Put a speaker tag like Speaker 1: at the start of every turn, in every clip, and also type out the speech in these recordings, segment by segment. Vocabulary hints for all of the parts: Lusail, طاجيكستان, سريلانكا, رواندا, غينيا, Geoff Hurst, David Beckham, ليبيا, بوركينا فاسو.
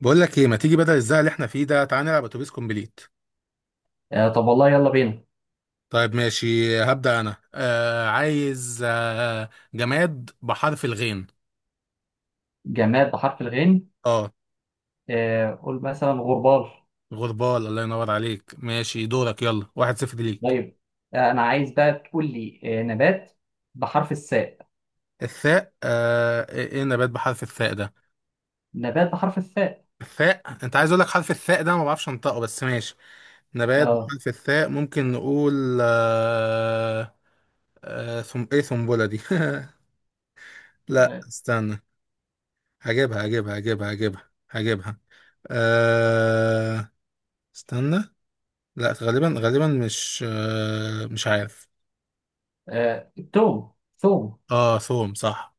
Speaker 1: بقول لك ايه، ما تيجي بدل الزق اللي احنا فيه ده؟ تعالى نلعب اتوبيس كومبليت.
Speaker 2: طب والله يلا بينا.
Speaker 1: طيب ماشي. هبدأ انا. عايز جماد بحرف الغين.
Speaker 2: جماد بحرف الغين؟
Speaker 1: اه.
Speaker 2: قول مثلا غربال.
Speaker 1: غربال، الله ينور عليك. ماشي، دورك يلا، واحد صفر ليك.
Speaker 2: طيب، انا عايز بقى تقول لي نبات بحرف الساء.
Speaker 1: الثاء. آه ايه؟ إيه النبات بحرف الثاء ده؟
Speaker 2: نبات بحرف الساء.
Speaker 1: الثاء، انت عايز اقول لك حرف الثاء ده، ما بعرفش انطقه بس ماشي. نبات
Speaker 2: اه،
Speaker 1: بحرف الثاء ممكن نقول. آه. آه، ثم ايه ثنبله دي؟ لا استنى. هجيبها. آه استنى. لا غالبا غالبا، مش مش عارف.
Speaker 2: توم، ثوم،
Speaker 1: اه، ثوم صح.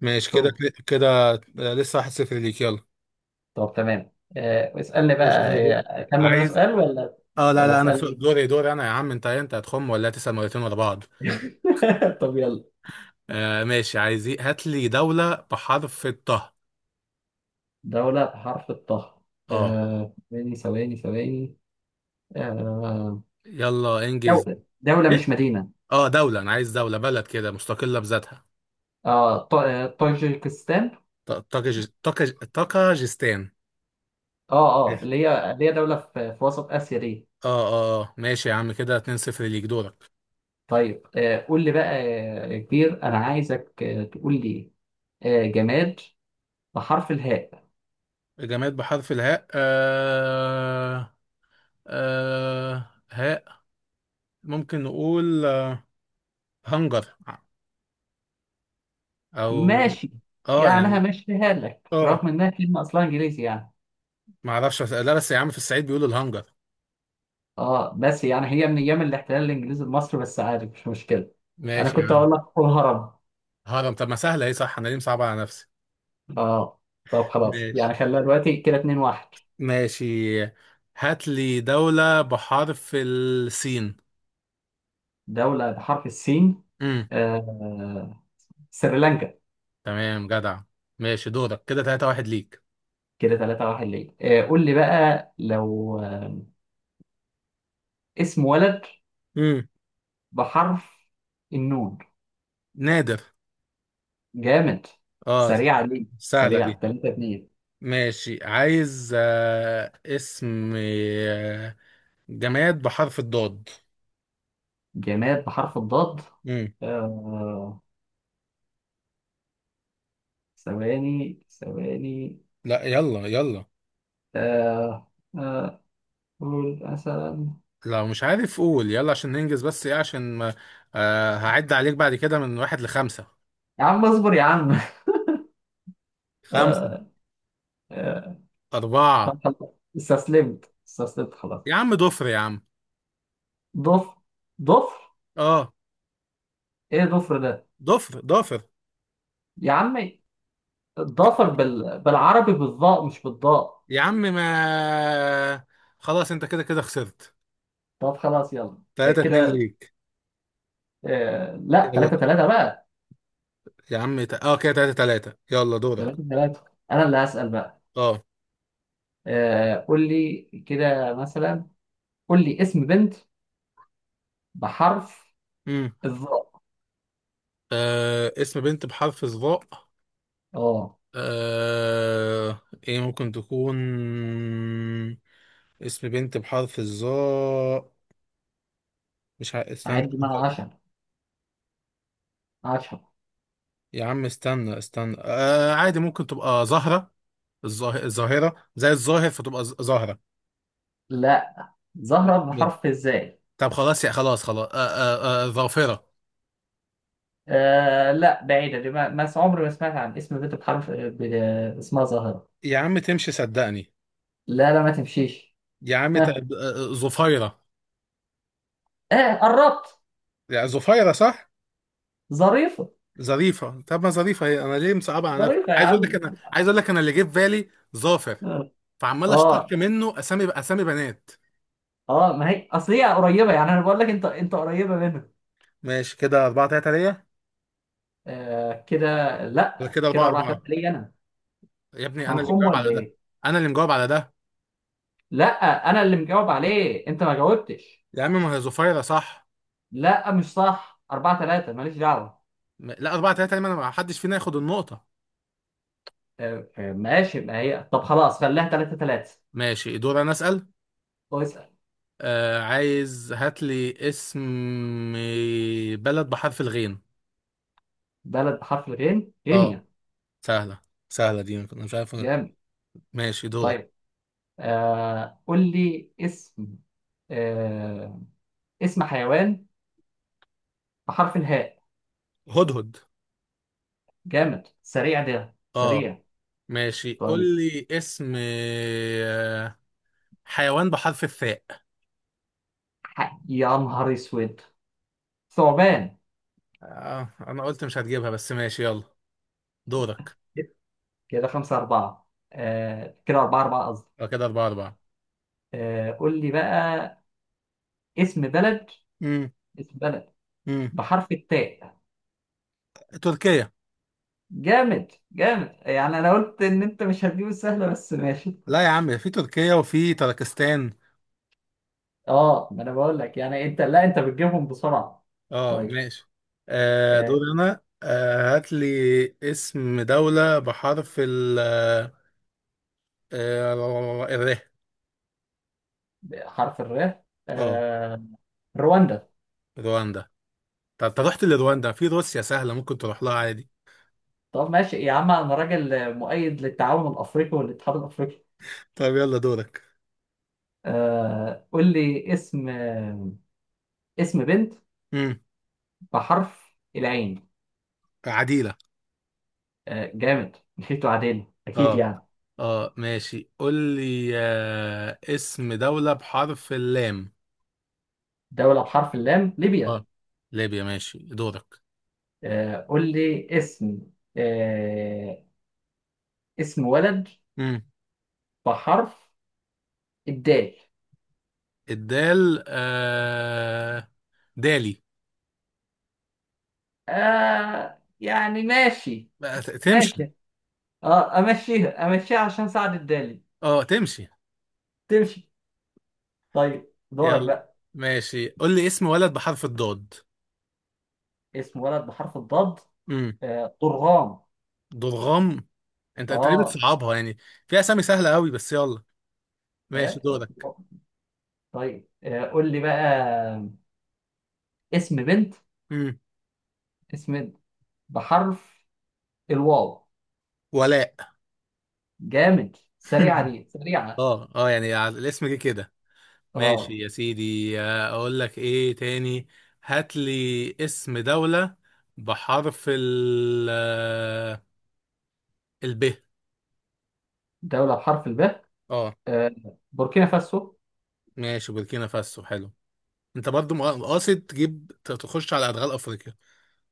Speaker 1: ماشي كده.
Speaker 2: ثوم.
Speaker 1: كده لسه واحد صفر ليك، يلا.
Speaker 2: طب تمام، اسألني بقى.
Speaker 1: ماشي، أنا دور.
Speaker 2: اكمل انا
Speaker 1: عايز.
Speaker 2: سؤال ولا
Speaker 1: اه لا
Speaker 2: ولا
Speaker 1: لا، انا
Speaker 2: اسألني؟
Speaker 1: دوري دوري، انا يا عم. انت هتخم ولا تسأل مرتين ورا بعض؟
Speaker 2: طب يلا.
Speaker 1: آه ماشي. عايز إيه؟ هات لي دولة بحرف الطه.
Speaker 2: دولة بحرف الطه؟
Speaker 1: اه.
Speaker 2: آه، ثواني ثواني ثواني آه،
Speaker 1: يلا انجز.
Speaker 2: دولة مش
Speaker 1: ايه؟
Speaker 2: مدينة.
Speaker 1: اه، دولة. انا عايز دولة، بلد كده مستقلة بذاتها.
Speaker 2: اه، طاجيكستان.
Speaker 1: طاكجستان.
Speaker 2: اه اه،
Speaker 1: ماشي.
Speaker 2: اللي هي دولة في وسط آسيا دي.
Speaker 1: اه اه ماشي يا عم. كده 2 0 ليك، دورك.
Speaker 2: طيب، قول لي بقى، يا كبير أنا عايزك تقول لي جماد بحرف الهاء.
Speaker 1: جماد بحرف الهاء. آه. آه، هاء. ممكن نقول هنجر. او.
Speaker 2: ماشي،
Speaker 1: اه
Speaker 2: يعني
Speaker 1: يعني.
Speaker 2: همشيها لك
Speaker 1: اه،
Speaker 2: رغم إنها كلمة أصلها إنجليزي يعني.
Speaker 1: ما اعرفش لا، بس يا عم في الصعيد بيقولوا الهنجر.
Speaker 2: اه، بس يعني هي من أيام الاحتلال الإنجليزي لمصر، بس عادي مش مشكلة. أنا
Speaker 1: ماشي يا
Speaker 2: كنت
Speaker 1: عم.
Speaker 2: هقول لك الهرم.
Speaker 1: هرم؟ طب ما سهله، ايه؟ صح، انا ليه مصعبه على نفسي؟
Speaker 2: اه، طب خلاص،
Speaker 1: ماشي.
Speaker 2: يعني خلينا دلوقتي كده 2 1.
Speaker 1: ماشي، هات لي دولة بحرف السين.
Speaker 2: دولة بحرف السين؟
Speaker 1: امم
Speaker 2: آه سريلانكا.
Speaker 1: تمام، جدع. ماشي، دورك كده 3 واحد ليك.
Speaker 2: كده 3 1 ليه؟ قول لي بقى لو اسم ولد
Speaker 1: امم
Speaker 2: بحرف النون.
Speaker 1: نادر.
Speaker 2: جامد،
Speaker 1: اه،
Speaker 2: سريع عليك،
Speaker 1: سهلة
Speaker 2: سريع.
Speaker 1: دي.
Speaker 2: 3 2.
Speaker 1: ماشي. عايز اسم جماد بحرف الضاد.
Speaker 2: جماد بحرف الضاد.
Speaker 1: مم.
Speaker 2: آه... ثواني ثواني
Speaker 1: لا يلا يلا.
Speaker 2: آه... آه... قول مثلا.
Speaker 1: لو مش عارف قول يلا عشان ننجز، بس ايه عشان ما. هعد عليك بعد كده من واحد لخمسة.
Speaker 2: يا عم اصبر يا عم.
Speaker 1: خمسة.
Speaker 2: آه... آه...
Speaker 1: أربعة.
Speaker 2: طب خلاص، استسلمت خلاص.
Speaker 1: يا عم ضفر، يا عم.
Speaker 2: ضفر؟ ضفر؟
Speaker 1: اه،
Speaker 2: ايه ضفر ده؟
Speaker 1: ضفر ضافر.
Speaker 2: يا عمي، الضفر
Speaker 1: ج-
Speaker 2: بالعربي بالضاء، مش بالضاء.
Speaker 1: يا عم ما. خلاص انت كده كده خسرت.
Speaker 2: طب خلاص يلا.
Speaker 1: تلاتة اتنين
Speaker 2: كده
Speaker 1: ليك.
Speaker 2: لا،
Speaker 1: يلا،
Speaker 2: 3 3 بقى.
Speaker 1: يا عم اه كده، تلاتة تلاتة، يلا دورك.
Speaker 2: ثلاثة ثلاثة. أنا اللي هسأل بقى.
Speaker 1: اه.
Speaker 2: قول لي كده مثلا، قول لي اسم بنت بحرف
Speaker 1: امم
Speaker 2: الظاء.
Speaker 1: آه اسم بنت بحرف الظاء.
Speaker 2: أه.
Speaker 1: آه... ايه ممكن تكون؟ اسم بنت بحرف الظاء. مش استنى
Speaker 2: عد من
Speaker 1: هفكر.
Speaker 2: 10. 10.
Speaker 1: يا عم استنى استنى. عادي، ممكن تبقى زهرة. الظاهرة، زي الظاهر، فتبقى زهرة.
Speaker 2: لا، زهرة
Speaker 1: م- م-
Speaker 2: بحرف الزاي.
Speaker 1: طب خلاص، يا خلاص خلاص، ظافرة.
Speaker 2: لا، بعيدة دي. ما, ما س- عمري ما سمعت عن اسم بنت اسمها زهرة.
Speaker 1: يا عم تمشي، صدقني.
Speaker 2: لا لا، ما تمشيش.
Speaker 1: يا عم ت... آه،
Speaker 2: ها؟
Speaker 1: آه، ظفيرة.
Speaker 2: قربت.
Speaker 1: يعني ظفيرة صح؟
Speaker 2: ظريفة.
Speaker 1: ظريفة؟ طب ما ظريفة، هي انا ليه مصعبة على نفسي؟
Speaker 2: ظريفة يا
Speaker 1: عايز اقول لك،
Speaker 2: عم.
Speaker 1: انا عايز اقول لك انا اللي جه في بالي. ظافر.
Speaker 2: اه
Speaker 1: فعمال
Speaker 2: اه،
Speaker 1: اشتق منه اسامي، اسامي بنات.
Speaker 2: ما هي اصل هي قريبة يعني، انا بقول لك انت قريبة منها.
Speaker 1: ماشي، كده أربعة تلاتة ليا.
Speaker 2: كده.
Speaker 1: ولا
Speaker 2: لا،
Speaker 1: كده
Speaker 2: كده
Speaker 1: أربعة
Speaker 2: أربعة ثلاثة
Speaker 1: أربعة؟
Speaker 2: ليا أنا.
Speaker 1: يا ابني
Speaker 2: احنا
Speaker 1: أنا اللي
Speaker 2: هنخم
Speaker 1: مجاوب
Speaker 2: ولا
Speaker 1: على ده.
Speaker 2: ايه؟
Speaker 1: أنا اللي مجاوب على ده.
Speaker 2: لا، انا اللي مجاوب عليه، انت ما جاوبتش.
Speaker 1: يا عم ما هي زفيرة صح.
Speaker 2: لا مش صح، 4 3، ماليش دعوه.
Speaker 1: لا، أربعة تلاتة ليه؟ ما أنا ما حدش فينا ياخد النقطة.
Speaker 2: ماشي، ما هي طب خلاص خليها 3 3.
Speaker 1: ماشي، دور أنا أسأل.
Speaker 2: اسال.
Speaker 1: آه عايز، هات لي اسم بلد بحرف الغين.
Speaker 2: بلد بحرف الغين؟
Speaker 1: أه.
Speaker 2: غينيا.
Speaker 1: سهلة. سهلة دي، أنا مش عارف
Speaker 2: جامد.
Speaker 1: ماشي دورك.
Speaker 2: طيب، قول لي اسم آه اسم حيوان بحرف الهاء.
Speaker 1: هدهد.
Speaker 2: جامد، سريع ده،
Speaker 1: أه.
Speaker 2: سريع.
Speaker 1: ماشي،
Speaker 2: طيب.
Speaker 1: قول لي اسم حيوان بحرف الثاء.
Speaker 2: يا نهار اسود، ثعبان.
Speaker 1: اه، انا قلت مش هتجيبها بس ماشي يلا. دورك.
Speaker 2: كده خمسة أربعة. كده أربعة أربعة قصدي.
Speaker 1: يبقى كده اربعة اربعة.
Speaker 2: قول لي بقى اسم بلد،
Speaker 1: امم.
Speaker 2: اسم بلد
Speaker 1: امم.
Speaker 2: بحرف التاء.
Speaker 1: تركيا.
Speaker 2: جامد جامد، يعني انا قلت ان انت مش هتجيب السهله، بس ماشي.
Speaker 1: لا يا عم في تركيا وفي تركستان.
Speaker 2: اه، ما انا بقول لك يعني، انت لا انت بتجيبهم بسرعه.
Speaker 1: اه
Speaker 2: طيب.
Speaker 1: ماشي. آه دور
Speaker 2: آه
Speaker 1: انا. هات لي اسم دولة بحرف ال، آه الر.
Speaker 2: حرف الر.
Speaker 1: اه.
Speaker 2: آه رواندا.
Speaker 1: رواندا. طب انت رحت لرواندا، في روسيا سهلة ممكن تروح لها عادي.
Speaker 2: طب ماشي يا عم، انا راجل مؤيد للتعاون الافريقي والاتحاد الافريقي.
Speaker 1: طب يلا دورك.
Speaker 2: قول لي اسم اسم بنت
Speaker 1: امم.
Speaker 2: بحرف العين.
Speaker 1: عديلة.
Speaker 2: جامد، مشيتوا عدل اكيد
Speaker 1: اه.
Speaker 2: يعني.
Speaker 1: اه ماشي، قول لي اسم دولة بحرف اللام.
Speaker 2: دوله بحرف اللام؟ ليبيا.
Speaker 1: اه. ليبيا، ماشي دورك.
Speaker 2: قول لي اسم آه، اسم ولد
Speaker 1: امم.
Speaker 2: بحرف الدال.
Speaker 1: الدال. آه دالي.
Speaker 2: يعني ماشي.
Speaker 1: بقى تمشي؟
Speaker 2: ماشي. اه، امشيها امشيها عشان سعد الدالي.
Speaker 1: اه تمشي.
Speaker 2: تمشي. طيب دورك
Speaker 1: يلا.
Speaker 2: بقى.
Speaker 1: ماشي، قول لي اسم ولد بحرف الضاد.
Speaker 2: اسم ولد بحرف الضاد.
Speaker 1: امم
Speaker 2: طرغام.
Speaker 1: ضرغام. انت تقريبا
Speaker 2: اه.
Speaker 1: بتصعبها يعني. في اسامي سهله قوي بس يلا. ماشي
Speaker 2: آه،
Speaker 1: دورك.
Speaker 2: طيب، قول لي بقى اسم بنت،
Speaker 1: امم
Speaker 2: اسم بنت بحرف الواو.
Speaker 1: ولاء.
Speaker 2: جامد، سريعة دي سريعة.
Speaker 1: اه اه يعني الاسم جه كده.
Speaker 2: اه.
Speaker 1: ماشي يا سيدي. اقول لك ايه تاني. هات لي اسم دولة بحرف ال، ال ب.
Speaker 2: دولة بحرف الباء؟
Speaker 1: اه.
Speaker 2: آه، بوركينا فاسو.
Speaker 1: ماشي، بوركينا فاسو، حلو. انت برضو قاصد تجيب تخش على ادغال افريقيا.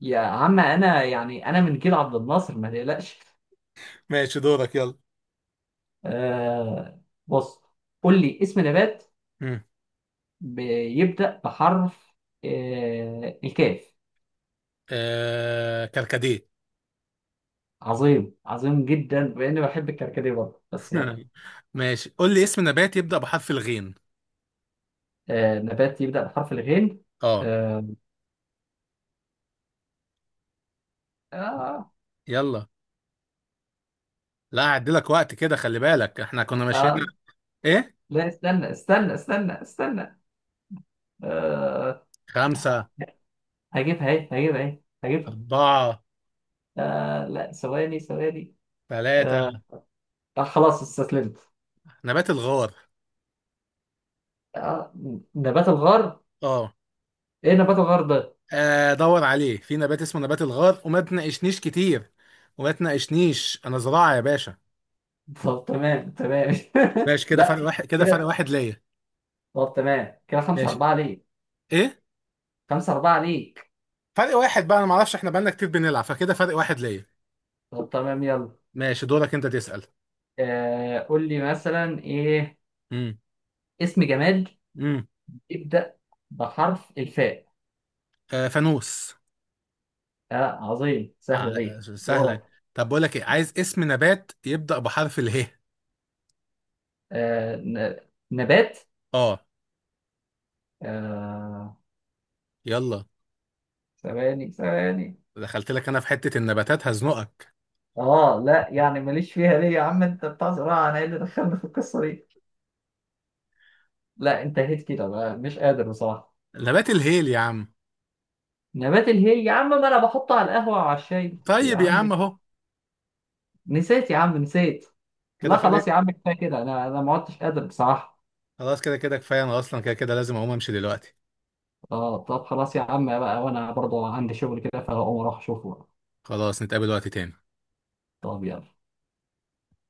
Speaker 2: يا عم انا يعني، انا من جيل عبد الناصر، ما تقلقش.
Speaker 1: ماشي، دورك يلا.
Speaker 2: آه بص، قول لي اسم نبات
Speaker 1: مم.
Speaker 2: بيبدأ بحرف الكاف.
Speaker 1: كركديه.
Speaker 2: عظيم، عظيم جدا، باني بحب الكركديه برضه بس يعني.
Speaker 1: ماشي، قول لي اسم نبات يبدأ بحرف الغين.
Speaker 2: نبات يبدأ بحرف الغين.
Speaker 1: اه.
Speaker 2: آه آه
Speaker 1: يلا. لا هعدلك وقت كده، خلي بالك احنا كنا ماشيين.
Speaker 2: آه
Speaker 1: ايه.
Speaker 2: لا استنى. آه
Speaker 1: خمسة.
Speaker 2: هجيبها.
Speaker 1: أربعة.
Speaker 2: لا، ثواني.
Speaker 1: ثلاثة.
Speaker 2: آه خلاص استسلمت.
Speaker 1: نبات الغار.
Speaker 2: آه نبات الغار.
Speaker 1: اه
Speaker 2: ايه نبات الغرب ده؟
Speaker 1: دور عليه، في نبات اسمه نبات الغار، وما تناقشنيش كتير. وما تناقشنيش، انا زراعة يا باشا.
Speaker 2: طب تمام تمام.
Speaker 1: ماشي. كده
Speaker 2: لا.
Speaker 1: فرق واحد، كده فرق
Speaker 2: كده
Speaker 1: واحد ليا.
Speaker 2: طب تمام، كده خمسة
Speaker 1: ماشي.
Speaker 2: أربعة ليك.
Speaker 1: ايه.
Speaker 2: خمسة أربعة ليك.
Speaker 1: فرق واحد بقى، انا ما اعرفش، احنا بقالنا كتير بنلعب، فكده فرق واحد ليا.
Speaker 2: طب تمام يلا.
Speaker 1: ماشي، دورك انت تسأل.
Speaker 2: قول لي مثلا ايه،
Speaker 1: امم.
Speaker 2: اسم جماد
Speaker 1: امم.
Speaker 2: يبدأ بحرف الفاء.
Speaker 1: آه فانوس.
Speaker 2: آه عظيم،
Speaker 1: آه،
Speaker 2: سهلة دي، دورك.
Speaker 1: سهلة. طب بقول لك ايه، عايز اسم نبات يبدأ بحرف اله.
Speaker 2: آه ن- نبات.
Speaker 1: اه.
Speaker 2: آه
Speaker 1: يلا.
Speaker 2: ثواني ثواني.
Speaker 1: دخلت لك انا في حتة النباتات هزنقك.
Speaker 2: اه لا، يعني ماليش فيها ليه يا عم، انت بتاع زراعة، انا ايه اللي دخلنا في القصة دي. لا انتهيت كده بقى، مش قادر بصراحة.
Speaker 1: نبات الهيل يا عم.
Speaker 2: نبات الهي يا عم، ما انا بحطه على القهوة وعلى الشاي يا
Speaker 1: طيب يا
Speaker 2: عم.
Speaker 1: عم اهو.
Speaker 2: نسيت يا عم، نسيت. لا
Speaker 1: كده فرق.
Speaker 2: خلاص يا عم، كفاية كده، انا ما عدتش قادر بصراحة.
Speaker 1: خلاص كده، كده كفاية. انا اصلا كده كده لازم اقوم امشي دلوقتي.
Speaker 2: اه طب خلاص يا عم بقى، وانا برضو عندي شغل كده فهقوم اروح اشوفه.
Speaker 1: خلاص، نتقابل وقت تاني.
Speaker 2: طب يلا.